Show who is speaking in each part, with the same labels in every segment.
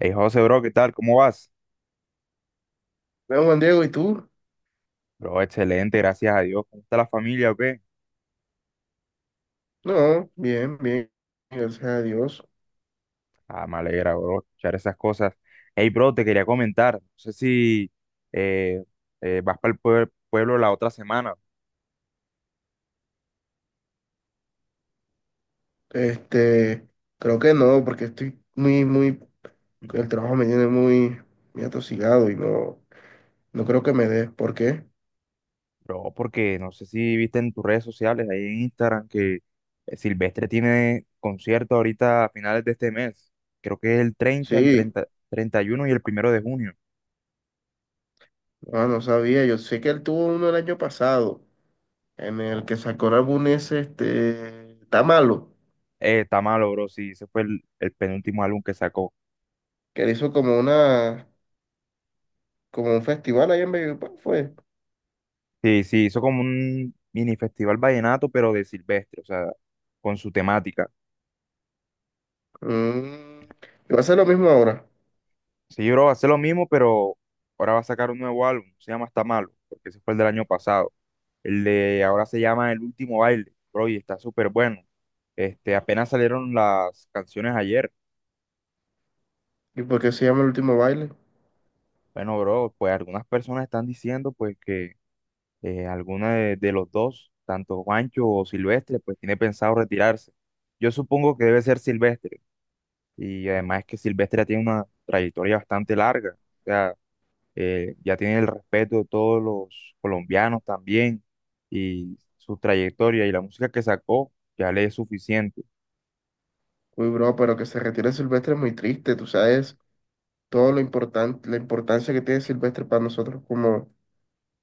Speaker 1: Hey, José, bro, ¿qué tal? ¿Cómo vas?
Speaker 2: Bueno, Juan Diego, ¿y tú?
Speaker 1: Bro, excelente, gracias a Dios. ¿Cómo está la familia o qué?
Speaker 2: No, bien, bien, gracias a Dios.
Speaker 1: Ah, me alegra, bro, escuchar esas cosas. Hey, bro, te quería comentar. No sé si eh, vas para el pueblo la otra semana.
Speaker 2: Este, creo que no, porque el
Speaker 1: Mm,
Speaker 2: trabajo me tiene muy, muy atosigado y no, no creo que me dé. ¿Por qué?
Speaker 1: Bro, porque no sé si viste en tus redes sociales, ahí en Instagram, que Silvestre tiene concierto ahorita a finales de este mes. Creo que es el 30, el
Speaker 2: Sí,
Speaker 1: 30, 31 y uno y el primero de junio.
Speaker 2: ah no sabía. Yo sé que él tuvo uno el año pasado, en el
Speaker 1: No,
Speaker 2: que sacó el álbum ese, este, Está Malo,
Speaker 1: está malo, bro, sí, ese fue el penúltimo álbum que sacó.
Speaker 2: que él hizo como un festival allá en Valledupar, fue.
Speaker 1: Sí, sí, hizo como un mini festival vallenato, pero de Silvestre, o sea, con su temática.
Speaker 2: Mm, y va a ser lo mismo ahora.
Speaker 1: Sí, bro, va a ser lo mismo, pero ahora va a sacar un nuevo álbum, se llama Está Malo, porque ese fue el del año pasado. El de ahora se llama El Último Baile, bro, y está súper bueno. Este, apenas salieron las canciones ayer.
Speaker 2: ¿Y por qué se llama El Último Baile?
Speaker 1: Bueno, bro, pues algunas personas están diciendo pues que alguno de los dos, tanto Juancho o Silvestre, pues tiene pensado retirarse. Yo supongo que debe ser Silvestre. Y además es que Silvestre ya tiene una trayectoria bastante larga. O sea, ya tiene el respeto de todos los colombianos también. Y su trayectoria y la música que sacó ya le es suficiente.
Speaker 2: Uy, bro, pero que se retire Silvestre es muy triste, tú sabes todo lo importante, la importancia que tiene Silvestre para nosotros como,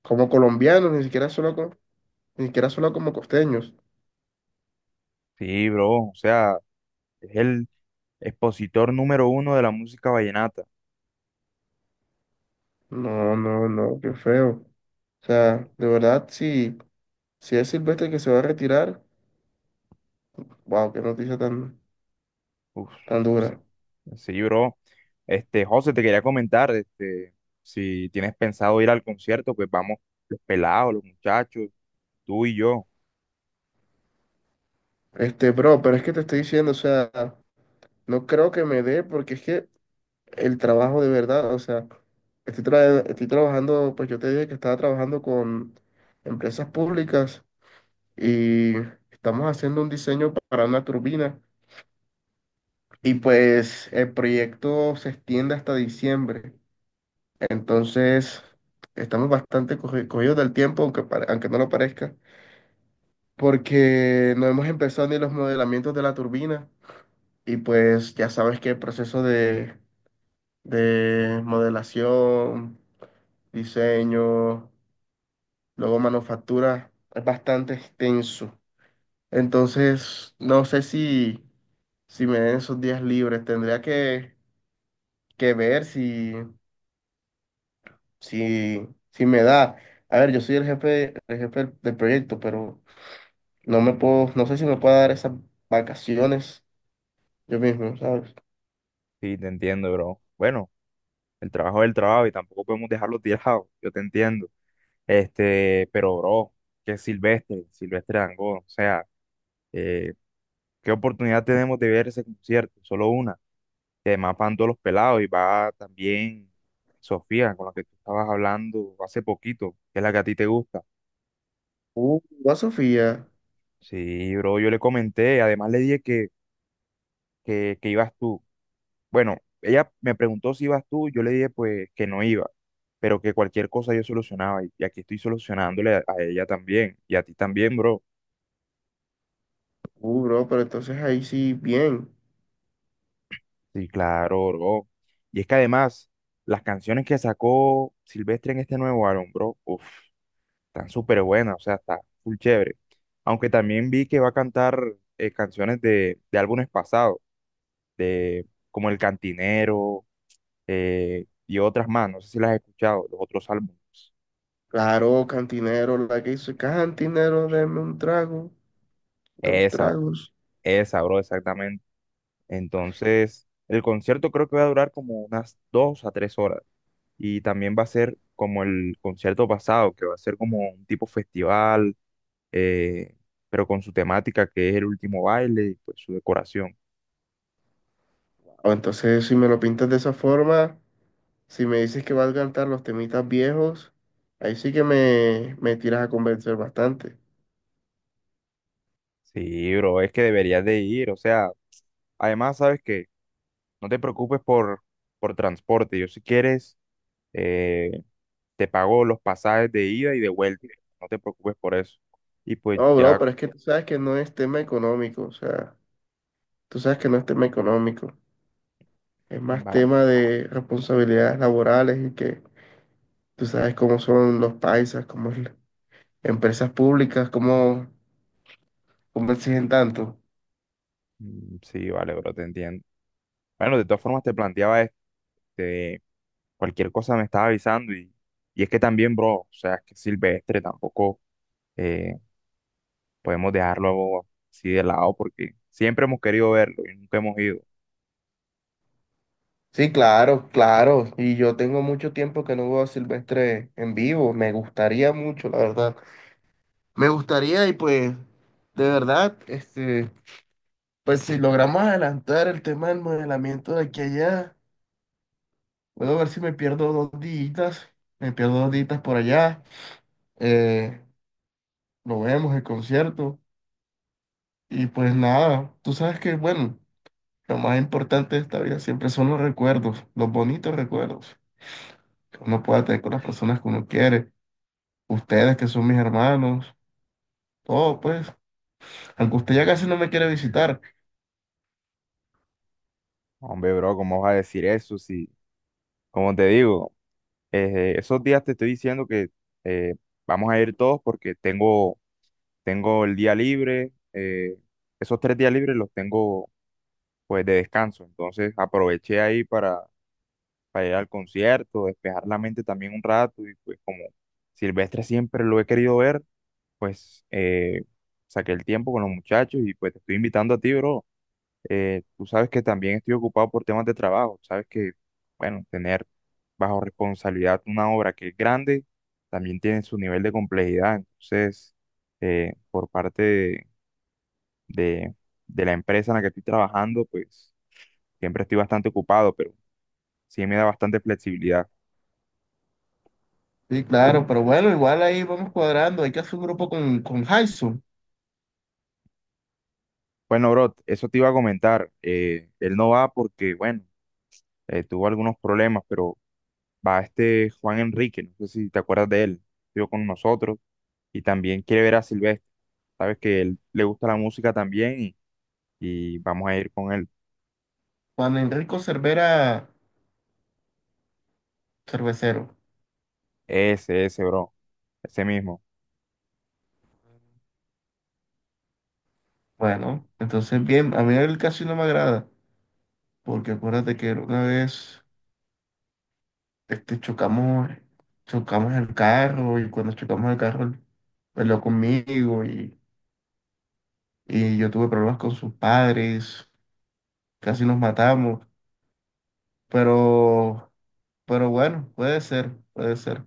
Speaker 2: como colombianos, ni siquiera solo ni siquiera solo como costeños.
Speaker 1: Sí, bro. O sea, es el expositor número uno de la música vallenata.
Speaker 2: No, no, no, qué feo. O sea, de verdad, si es Silvestre que se va a retirar, wow, qué noticia tan,
Speaker 1: Uf,
Speaker 2: tan
Speaker 1: sí,
Speaker 2: dura.
Speaker 1: sí, bro. Este, José, te quería comentar, este, si tienes pensado ir al concierto, pues vamos los pelados, los muchachos, tú y yo.
Speaker 2: Este, bro, pero es que te estoy diciendo, o sea, no creo que me dé, porque es que el trabajo de verdad, o sea, estoy trabajando, pues yo te dije que estaba trabajando con empresas públicas y estamos haciendo un diseño para una turbina y pues el proyecto se extiende hasta diciembre, entonces estamos bastante cogidos del tiempo, aunque, aunque no lo parezca, porque no hemos empezado ni los modelamientos de la turbina y pues ya sabes que el proceso de modelación, diseño, luego manufactura, es bastante extenso. Entonces, no sé si, si, me den esos días libres, tendría que ver si, si me da. A ver, yo soy el jefe del proyecto, pero no me puedo, no sé si me puedo dar esas vacaciones yo mismo, ¿sabes?
Speaker 1: Sí, te entiendo, bro. Bueno. El trabajo es el trabajo y tampoco podemos dejarlo tirado, yo te entiendo. Este, pero bro, que Silvestre Dangond, o sea, eh, ¿qué oportunidad tenemos de ver ese concierto? Solo una. Y además van todos los pelados y va también Sofía, con la que tú estabas hablando hace poquito, que es la que a ti te gusta.
Speaker 2: Uh, a Sofía.
Speaker 1: Sí, bro, yo le comenté, además le dije que ibas tú. Bueno, ella me preguntó si ibas tú, yo le dije pues que no iba, pero que cualquier cosa yo solucionaba y aquí estoy solucionándole a ella también y a ti también, bro.
Speaker 2: Bro, pero entonces ahí sí, bien.
Speaker 1: Sí, claro, bro. Y es que además, las canciones que sacó Silvestre en este nuevo álbum, bro, uff, están súper buenas, o sea, está full chévere. Aunque también vi que va a cantar canciones de álbumes pasados, de como El Cantinero, y otras más, no sé si las has escuchado, los otros álbumes.
Speaker 2: Claro, cantinero, la que dice, cantinero, deme un trago, dos
Speaker 1: Esa,
Speaker 2: tragos.
Speaker 1: Esa, bro, exactamente. Entonces, el concierto creo que va a durar como unas dos a tres horas. Y también va a ser como el concierto pasado, que va a ser como un tipo festival, eh, pero con su temática que es el último baile y pues su decoración.
Speaker 2: O entonces, si me lo pintas de esa forma, si me dices que vas a cantar los temitas viejos, ahí sí que me tiras a convencer bastante.
Speaker 1: Sí, bro, es que deberías de ir. O sea, además, sabes que no te preocupes por transporte. Yo si quieres, eh, te pago los pasajes de ida y de vuelta. No te preocupes por eso. Y pues
Speaker 2: No, bro,
Speaker 1: ya
Speaker 2: pero es que tú sabes que no es tema económico, o sea, tú sabes que no es tema económico, es más
Speaker 1: va.
Speaker 2: tema de responsabilidades laborales y que tú sabes cómo son los paisas, cómo es empresas públicas, cómo exigen tanto.
Speaker 1: Sí, vale, bro, te entiendo. Bueno, de todas formas te planteaba este, cualquier cosa me estaba avisando y es que también, bro, o sea, es que Silvestre tampoco eh, podemos dejarlo así de lado porque siempre hemos querido verlo y nunca hemos ido.
Speaker 2: Sí, claro, claro. Y yo tengo mucho tiempo que no veo a Silvestre en vivo. Me gustaría mucho, la verdad. Me gustaría y pues, de verdad, este, pues si logramos adelantar el tema del modelamiento de aquí a allá, puedo ver si me pierdo dos días, me pierdo dos días por allá. Eh, lo vemos, el concierto. Y pues nada, tú sabes que, bueno, lo más importante de esta vida siempre son los recuerdos, los bonitos recuerdos que uno pueda tener con las personas que uno quiere. Ustedes que son mis hermanos, todo pues, aunque usted ya casi no me quiere visitar.
Speaker 1: Hombre, bro, ¿cómo vas a decir eso? Si, como te digo, esos días te estoy diciendo que eh, vamos a ir todos porque tengo el día libre, esos tres días libres los tengo pues de descanso, entonces aproveché ahí para ir al concierto, despejar la mente también un rato y pues como Silvestre siempre lo he querido ver, pues saqué el tiempo con los muchachos y pues te estoy invitando a ti, bro. Tú sabes que también estoy ocupado por temas de trabajo, sabes que, bueno, tener bajo responsabilidad una obra que es grande también tiene su nivel de complejidad, entonces por parte de la empresa en la que estoy trabajando, pues siempre estoy bastante ocupado, pero sí me da bastante flexibilidad.
Speaker 2: Sí, claro, pero bueno, igual ahí vamos cuadrando, hay que hacer un grupo con Jason,
Speaker 1: Bueno, bro, eso te iba a comentar. Él no va porque, bueno, tuvo algunos problemas, pero va este Juan Enrique, no sé si te acuerdas de él, estuvo con nosotros y también quiere ver a Silvestre. Sabes que él le gusta la música también y vamos a ir con él.
Speaker 2: Juan Enrico Cervera Cervecero.
Speaker 1: Ese, bro, ese mismo.
Speaker 2: Bueno, entonces bien, a mí él casi no me agrada, porque acuérdate que una vez este, chocamos el carro y cuando chocamos el carro, él peleó conmigo y yo tuve problemas con sus padres, casi nos matamos, pero... Pero bueno, puede ser, puede ser.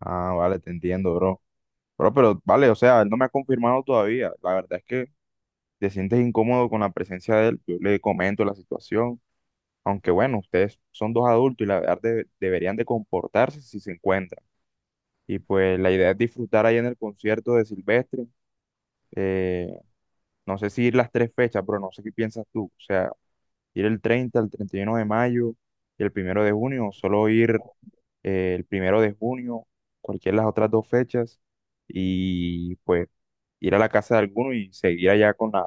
Speaker 1: Ah, vale, te entiendo, bro. Bro, pero vale, o sea, él no me ha confirmado todavía. La verdad es que te sientes incómodo con la presencia de él. Yo le comento la situación. Aunque bueno, ustedes son dos adultos y la verdad deberían de comportarse si se encuentran. Y pues la idea es disfrutar ahí en el concierto de Silvestre. Eh, no sé si ir las tres fechas, pero no sé qué piensas tú. O sea, ir el 30, el 31 de mayo y el primero de junio, o solo ir el primero de junio, cualquiera de las otras dos fechas, y pues ir a la casa de alguno y seguir allá con la,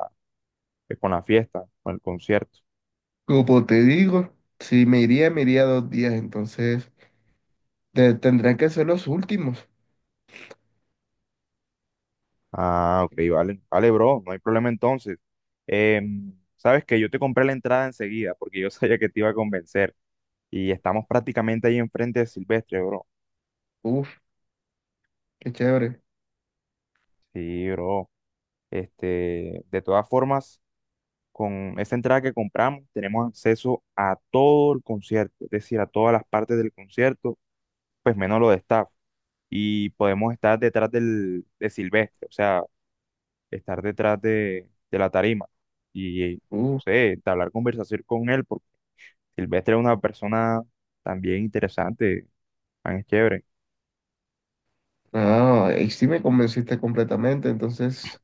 Speaker 1: pues, con la fiesta, con el concierto.
Speaker 2: Como te digo, si me iría, me iría dos días, entonces tendrán que ser los últimos.
Speaker 1: Ah, ok, vale. Vale, bro, no hay problema entonces. Sabes que yo te compré la entrada enseguida porque yo sabía que te iba a convencer. Y estamos prácticamente ahí enfrente de Silvestre, bro.
Speaker 2: Uf, qué chévere.
Speaker 1: Sí, bro. Este, de todas formas, con esa entrada que compramos, tenemos acceso a todo el concierto, es decir, a todas las partes del concierto, pues menos lo de staff. Y podemos estar detrás del, de Silvestre, o sea, estar detrás de la tarima. Y, no
Speaker 2: Uf,
Speaker 1: sé, entablar conversación con él. Silvestre es una persona también interesante, man, es chévere.
Speaker 2: no, ahí sí me convenciste completamente, entonces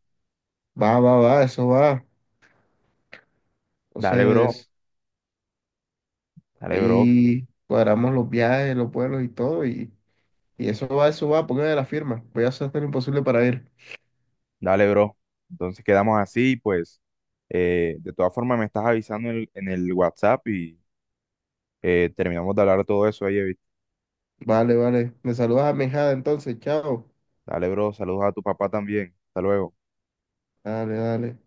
Speaker 2: va, va, va, eso va.
Speaker 1: Dale, bro,
Speaker 2: Entonces
Speaker 1: dale, bro,
Speaker 2: ahí cuadramos los viajes, los vuelos y todo, y eso va, póngame la firma. Voy a hacer todo lo imposible para ir.
Speaker 1: dale, bro. Entonces quedamos así, pues, de todas formas me estás avisando en el WhatsApp y terminamos de hablar todo eso ahí. ¿Viste?
Speaker 2: Vale, vale. Me saludas a mi hijada entonces, chao.
Speaker 1: Dale, bro, saludos a tu papá también. Hasta luego.
Speaker 2: Dale, dale.